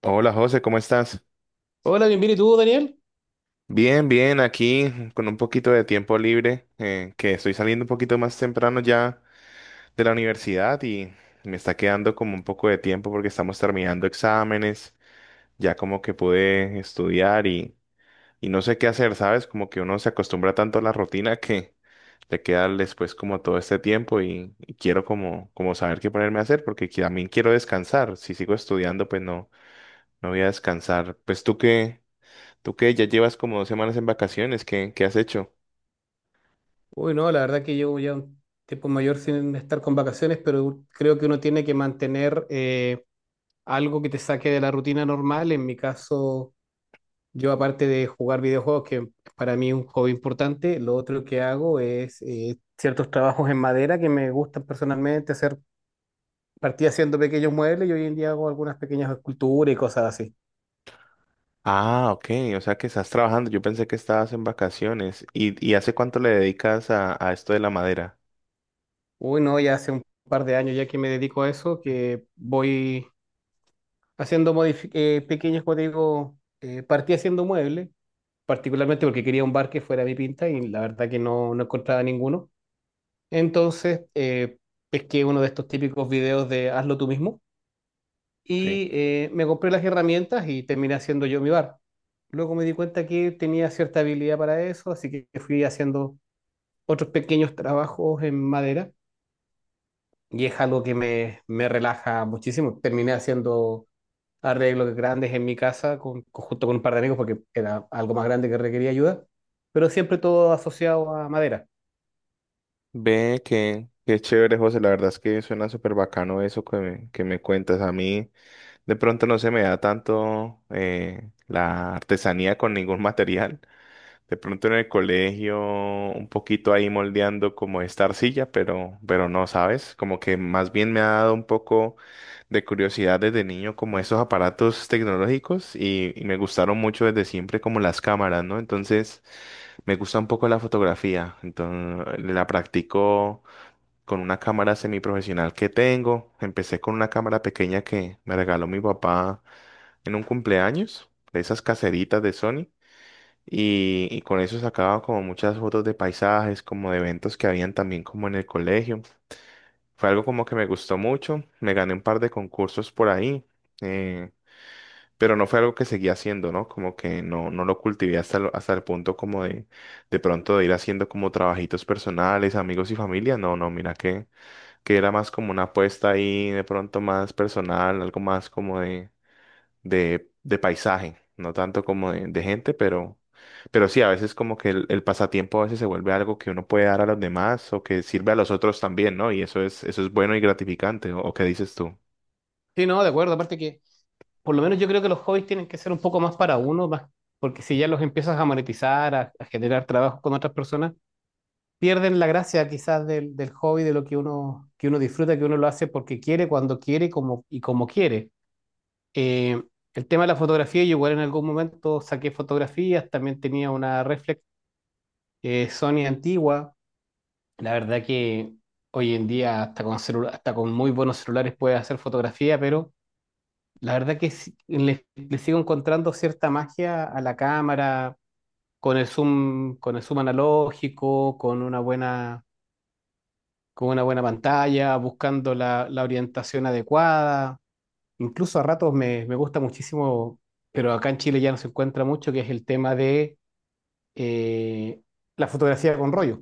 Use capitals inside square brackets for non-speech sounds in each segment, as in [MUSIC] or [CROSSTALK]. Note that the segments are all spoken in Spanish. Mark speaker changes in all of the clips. Speaker 1: Hola José, ¿cómo estás?
Speaker 2: Hola, bienvenido. ¿Y tú, Daniel?
Speaker 1: Bien, bien, aquí con un poquito de tiempo libre, que estoy saliendo un poquito más temprano ya de la universidad y me está quedando como un poco de tiempo porque estamos terminando exámenes, ya como que pude estudiar y no sé qué hacer, ¿sabes? Como que uno se acostumbra tanto a la rutina que le queda después como todo este tiempo y quiero como, como saber qué ponerme a hacer porque también quiero descansar. Si sigo estudiando, pues no, no voy a descansar. Pues tú qué. ¿Tú qué? Ya llevas como 2 semanas en vacaciones. ¿Qué, qué has hecho?
Speaker 2: Uy, no, la verdad que llevo ya un tiempo mayor sin estar con vacaciones, pero creo que uno tiene que mantener algo que te saque de la rutina normal. En mi caso, yo aparte de jugar videojuegos, que para mí es un hobby importante, lo otro que hago es ciertos trabajos en madera que me gustan personalmente, hacer, partí haciendo pequeños muebles y hoy en día hago algunas pequeñas esculturas y cosas así.
Speaker 1: Ah, ok. O sea que estás trabajando. Yo pensé que estabas en vacaciones. Y hace cuánto le dedicas a esto de la madera?
Speaker 2: Uy, no, ya hace un par de años ya que me dedico a eso, que voy haciendo pequeños, como te digo, partí haciendo muebles, particularmente porque quería un bar que fuera mi pinta y la verdad que no, no encontraba ninguno. Entonces, pesqué uno de estos típicos videos de hazlo tú mismo
Speaker 1: Sí.
Speaker 2: y me compré las herramientas y terminé haciendo yo mi bar. Luego me di cuenta que tenía cierta habilidad para eso, así que fui haciendo otros pequeños trabajos en madera y es algo que me relaja muchísimo. Terminé haciendo arreglos grandes en mi casa junto con un par de amigos porque era algo más grande que requería ayuda, pero siempre todo asociado a madera.
Speaker 1: Ve que, qué chévere, José. La verdad es que suena súper bacano eso que me cuentas. A mí de pronto no se me da tanto la artesanía con ningún [LAUGHS] material. De pronto en el colegio, un poquito ahí moldeando como esta arcilla, pero no, ¿sabes? Como que más bien me ha dado un poco de curiosidad desde niño como esos aparatos tecnológicos y me gustaron mucho desde siempre como las cámaras, ¿no? Entonces me gusta un poco la fotografía, entonces la practico con una cámara semiprofesional que tengo. Empecé con una cámara pequeña que me regaló mi papá en un cumpleaños, de esas caseritas de Sony. Y con eso sacaba como muchas fotos de paisajes, como de eventos que habían también como en el colegio. Fue algo como que me gustó mucho, me gané un par de concursos por ahí, eh, pero no fue algo que seguí haciendo, ¿no? Como que no, no lo cultivé hasta, hasta el punto como de pronto de ir haciendo como trabajitos personales, amigos y familia. No, no, mira que era más como una apuesta ahí de pronto más personal, algo más como de de paisaje, no tanto como de gente, pero sí, a veces como que el pasatiempo a veces se vuelve algo que uno puede dar a los demás o que sirve a los otros también, ¿no? Y eso es bueno y gratificante, o qué dices tú?
Speaker 2: Sí, no, de acuerdo, aparte que por lo menos yo creo que los hobbies tienen que ser un poco más para uno, más, porque si ya los empiezas a monetizar, a generar trabajo con otras personas, pierden la gracia quizás del hobby, de lo que uno disfruta, que uno lo hace porque quiere, cuando quiere como, y como quiere. Eh, el tema de la fotografía, yo igual en algún momento saqué fotografías, también tenía una reflex Sony antigua. La verdad que hoy en día hasta con muy buenos celulares puedes hacer fotografía, pero la verdad que le sigo encontrando cierta magia a la cámara, con el zoom analógico, con una buena pantalla, buscando la orientación adecuada. Incluso a ratos me gusta muchísimo, pero acá en Chile ya no se encuentra mucho, que es el tema de eh, la fotografía con rollo.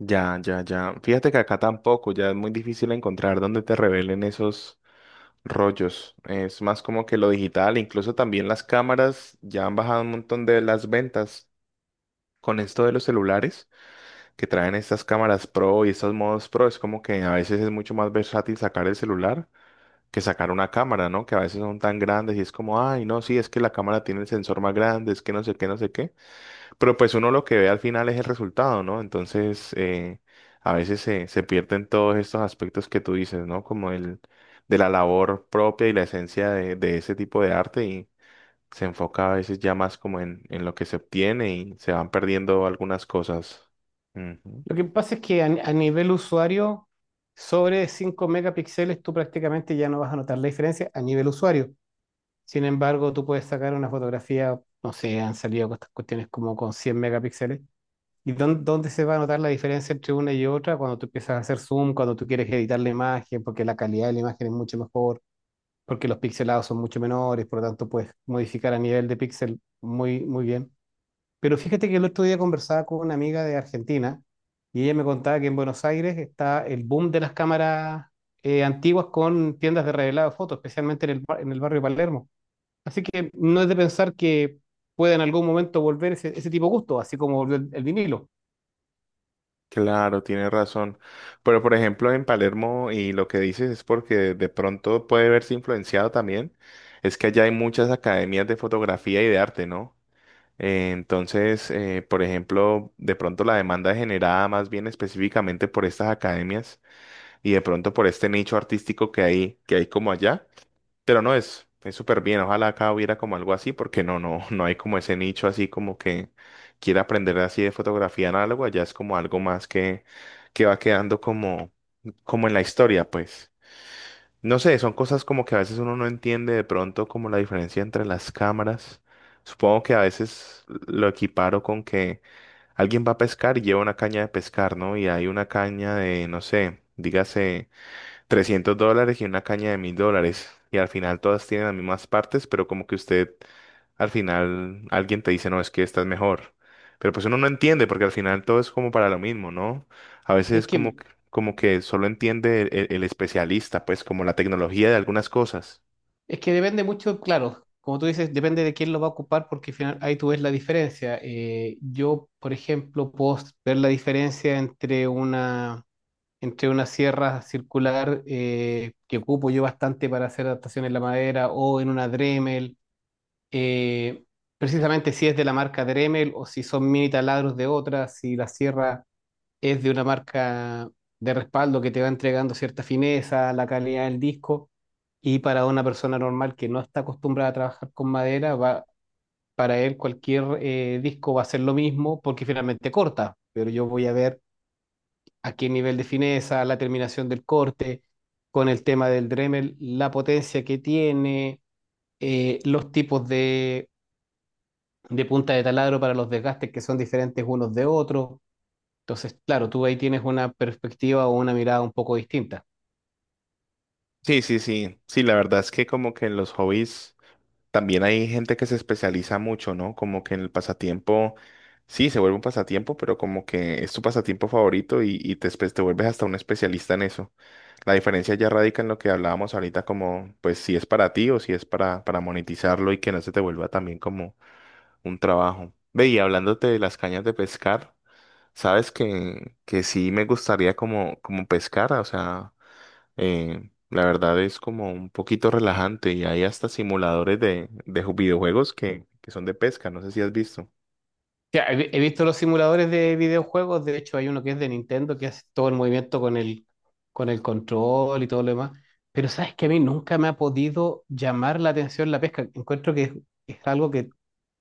Speaker 1: Ya, ya, ya. Fíjate que acá tampoco, ya es muy difícil encontrar donde te revelen esos rollos. Es más como que lo digital, incluso también las cámaras ya han bajado un montón de las ventas con esto de los celulares. Que traen estas cámaras pro y estos modos pro, es como que a veces es mucho más versátil sacar el celular que sacar una cámara, ¿no? Que a veces son tan grandes y es como, ay, no, sí, es que la cámara tiene el sensor más grande, es que no sé qué, no sé qué. Pero pues uno lo que ve al final es el resultado, ¿no? Entonces, a veces se, se pierden todos estos aspectos que tú dices, ¿no? Como el de la labor propia y la esencia de ese tipo de arte y se enfoca a veces ya más como en lo que se obtiene y se van perdiendo algunas cosas. Ujú.
Speaker 2: Lo que pasa es que a nivel usuario, sobre 5 megapíxeles tú prácticamente ya no vas a notar la diferencia a nivel usuario. Sin embargo, tú puedes sacar una fotografía, no sé, han salido estas cuestiones como con 100 megapíxeles. ¿Y dónde se va a notar la diferencia entre una y otra? Cuando tú empiezas a hacer zoom, cuando tú quieres editar la imagen, porque la calidad de la imagen es mucho mejor, porque los pixelados son mucho menores, por lo tanto puedes modificar a nivel de píxel muy bien. Pero fíjate que el otro día conversaba con una amiga de Argentina y ella me contaba que en Buenos Aires está el boom de las cámaras antiguas con tiendas de revelado de fotos, especialmente en en el barrio Palermo. Así que no es de pensar que pueda en algún momento volver ese tipo de gusto, así como volvió el vinilo.
Speaker 1: Claro, tiene razón. Pero por ejemplo, en Palermo, y lo que dices es porque de pronto puede verse influenciado también, es que allá hay muchas academias de fotografía y de arte, ¿no? Entonces, por ejemplo, de pronto la demanda es generada más bien específicamente por estas academias y de pronto por este nicho artístico que hay como allá. Pero no es, es súper bien. Ojalá acá hubiera como algo así, porque no, no, [LAUGHS] no hay como ese nicho así como que quiera aprender así de fotografía análoga. Ya es como algo más que va quedando como, como en la historia, pues. No sé, son cosas como que a veces uno no entiende de pronto como la diferencia entre las cámaras. Supongo que a veces lo equiparo con que alguien va a pescar y lleva una caña de pescar, ¿no? Y hay una caña de, no sé, dígase $300 y una caña de $1000. Y al final todas tienen las mismas partes, pero como que usted, al final, alguien te dice, no, es que esta es mejor. Pero pues uno no entiende, porque al final todo es como para lo mismo, ¿no? A veces
Speaker 2: Es
Speaker 1: es como,
Speaker 2: que,
Speaker 1: como que solo entiende el, el especialista, pues como la tecnología de algunas cosas.
Speaker 2: es que depende mucho, claro, como tú dices, depende de quién lo va a ocupar porque al final ahí tú ves la diferencia. Yo, por ejemplo, puedo ver la diferencia entre una sierra circular que ocupo yo bastante para hacer adaptaciones en la madera o en una Dremel. Eh, precisamente si es de la marca Dremel o si son mini taladros de otra, si la sierra es de una marca de respaldo que te va entregando cierta fineza, la calidad del disco. Y para una persona normal que no está acostumbrada a trabajar con madera, va, para él cualquier disco va a ser lo mismo porque finalmente corta, pero yo voy a ver a qué nivel de fineza, la terminación del corte, con el tema del Dremel, la potencia que tiene, los tipos de punta de taladro para los desgastes que son diferentes unos de otros. Entonces, claro, tú ahí tienes una perspectiva o una mirada un poco distinta.
Speaker 1: Sí, sí, sí. Sí, la verdad es que como que en los hobbies... También hay gente que se especializa mucho, ¿no? Como que en el pasatiempo, sí, se vuelve un pasatiempo, pero como que es tu pasatiempo favorito y te, te vuelves hasta un especialista en eso. La diferencia ya radica en lo que hablábamos ahorita, como pues si es para ti o si es para monetizarlo y que no se te vuelva también como un trabajo. Ve, y hablándote de las cañas de pescar, sabes que sí me gustaría como, como pescar, o sea. La verdad es como un poquito relajante y hay hasta simuladores de, videojuegos que son de pesca, no sé si has visto.
Speaker 2: Sí, he visto los simuladores de videojuegos, de hecho hay uno que es de Nintendo que hace todo el movimiento con con el control y todo lo demás, pero sabes que a mí nunca me ha podido llamar la atención la pesca. Encuentro que es algo que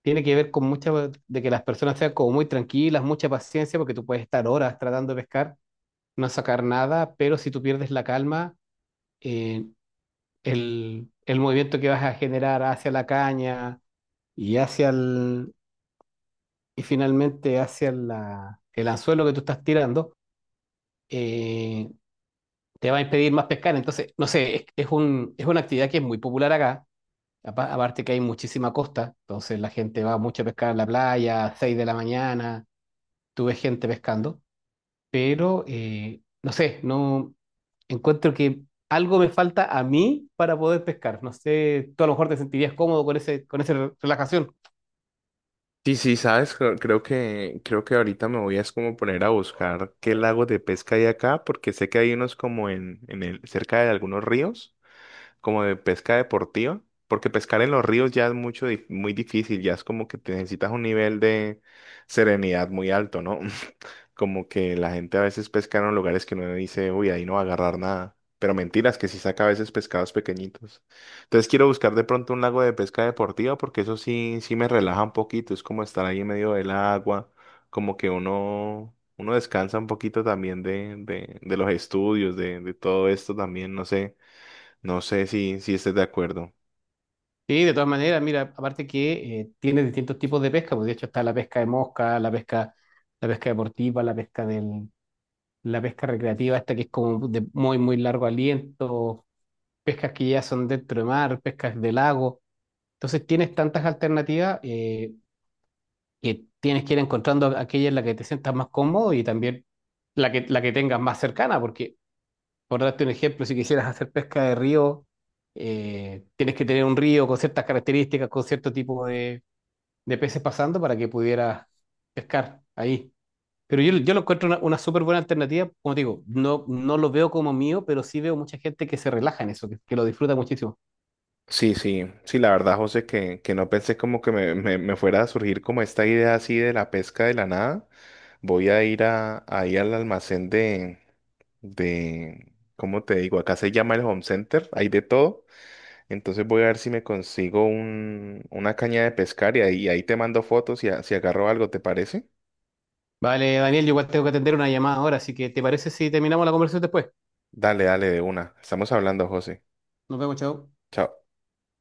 Speaker 2: tiene que ver con mucha, de que las personas sean como muy tranquilas, mucha paciencia, porque tú puedes estar horas tratando de pescar, no sacar nada, pero si tú pierdes la calma, eh, el movimiento que vas a generar hacia la caña y hacia el, y finalmente hacia el anzuelo que tú estás tirando, eh, te va a impedir más pescar. Entonces, no sé, es un, es una actividad que es muy popular acá, aparte que hay muchísima costa, entonces la gente va mucho a pescar a la playa, a 6 de la mañana, tú ves gente pescando, pero no sé, no encuentro que algo me falta a mí para poder pescar. No sé, tú a lo mejor te sentirías cómodo con ese, con esa relajación.
Speaker 1: Sí, sí, sabes, creo que creo que ahorita me voy a es como poner a buscar qué lagos de pesca hay acá, porque sé que hay unos como en el, cerca de algunos ríos, como de pesca deportiva, porque pescar en los ríos ya es mucho, muy difícil, ya es como que te necesitas un nivel de serenidad muy alto, ¿no? Como que la gente a veces pesca en lugares que uno dice, uy, ahí no va a agarrar nada. Pero mentiras, que sí saca a veces pescados pequeñitos. Entonces quiero buscar de pronto un lago de pesca deportiva porque eso sí, sí me relaja un poquito. Es como estar ahí en medio del agua, como que uno, uno descansa un poquito también de los estudios, de todo esto también. No sé, no sé si, si estés de acuerdo.
Speaker 2: Sí, de todas maneras, mira, aparte que tiene distintos tipos de pesca, pues de hecho está la pesca de mosca, la pesca deportiva, la pesca del, la pesca recreativa, esta que es como de muy, muy largo aliento, pescas que ya son dentro de mar, pescas de lago. Entonces tienes tantas alternativas que tienes que ir encontrando aquella en la que te sientas más cómodo y también la que tengas más cercana, porque por darte un ejemplo, si quisieras hacer pesca de río, tienes que tener un río con ciertas características, con cierto tipo de peces pasando para que pudiera pescar ahí. Pero yo lo encuentro una súper buena alternativa. Como te digo, no, no lo veo como mío, pero sí veo mucha gente que se relaja en eso, que lo disfruta muchísimo.
Speaker 1: Sí, sí, sí, la verdad, José, que no pensé como que me, me fuera a surgir como esta idea así de la pesca de la nada. Voy a ir a, ahí al almacén de, ¿cómo te digo? Acá se llama el Home Center, hay de todo. Entonces voy a ver si me consigo un, una caña de pescar y ahí, ahí te mando fotos y si agarro algo, ¿te parece?
Speaker 2: Vale, Daniel, yo igual tengo que atender una llamada ahora, así que ¿te parece si terminamos la conversación después?
Speaker 1: Dale, dale, de una. Estamos hablando, José.
Speaker 2: Nos vemos, chao.
Speaker 1: Chao.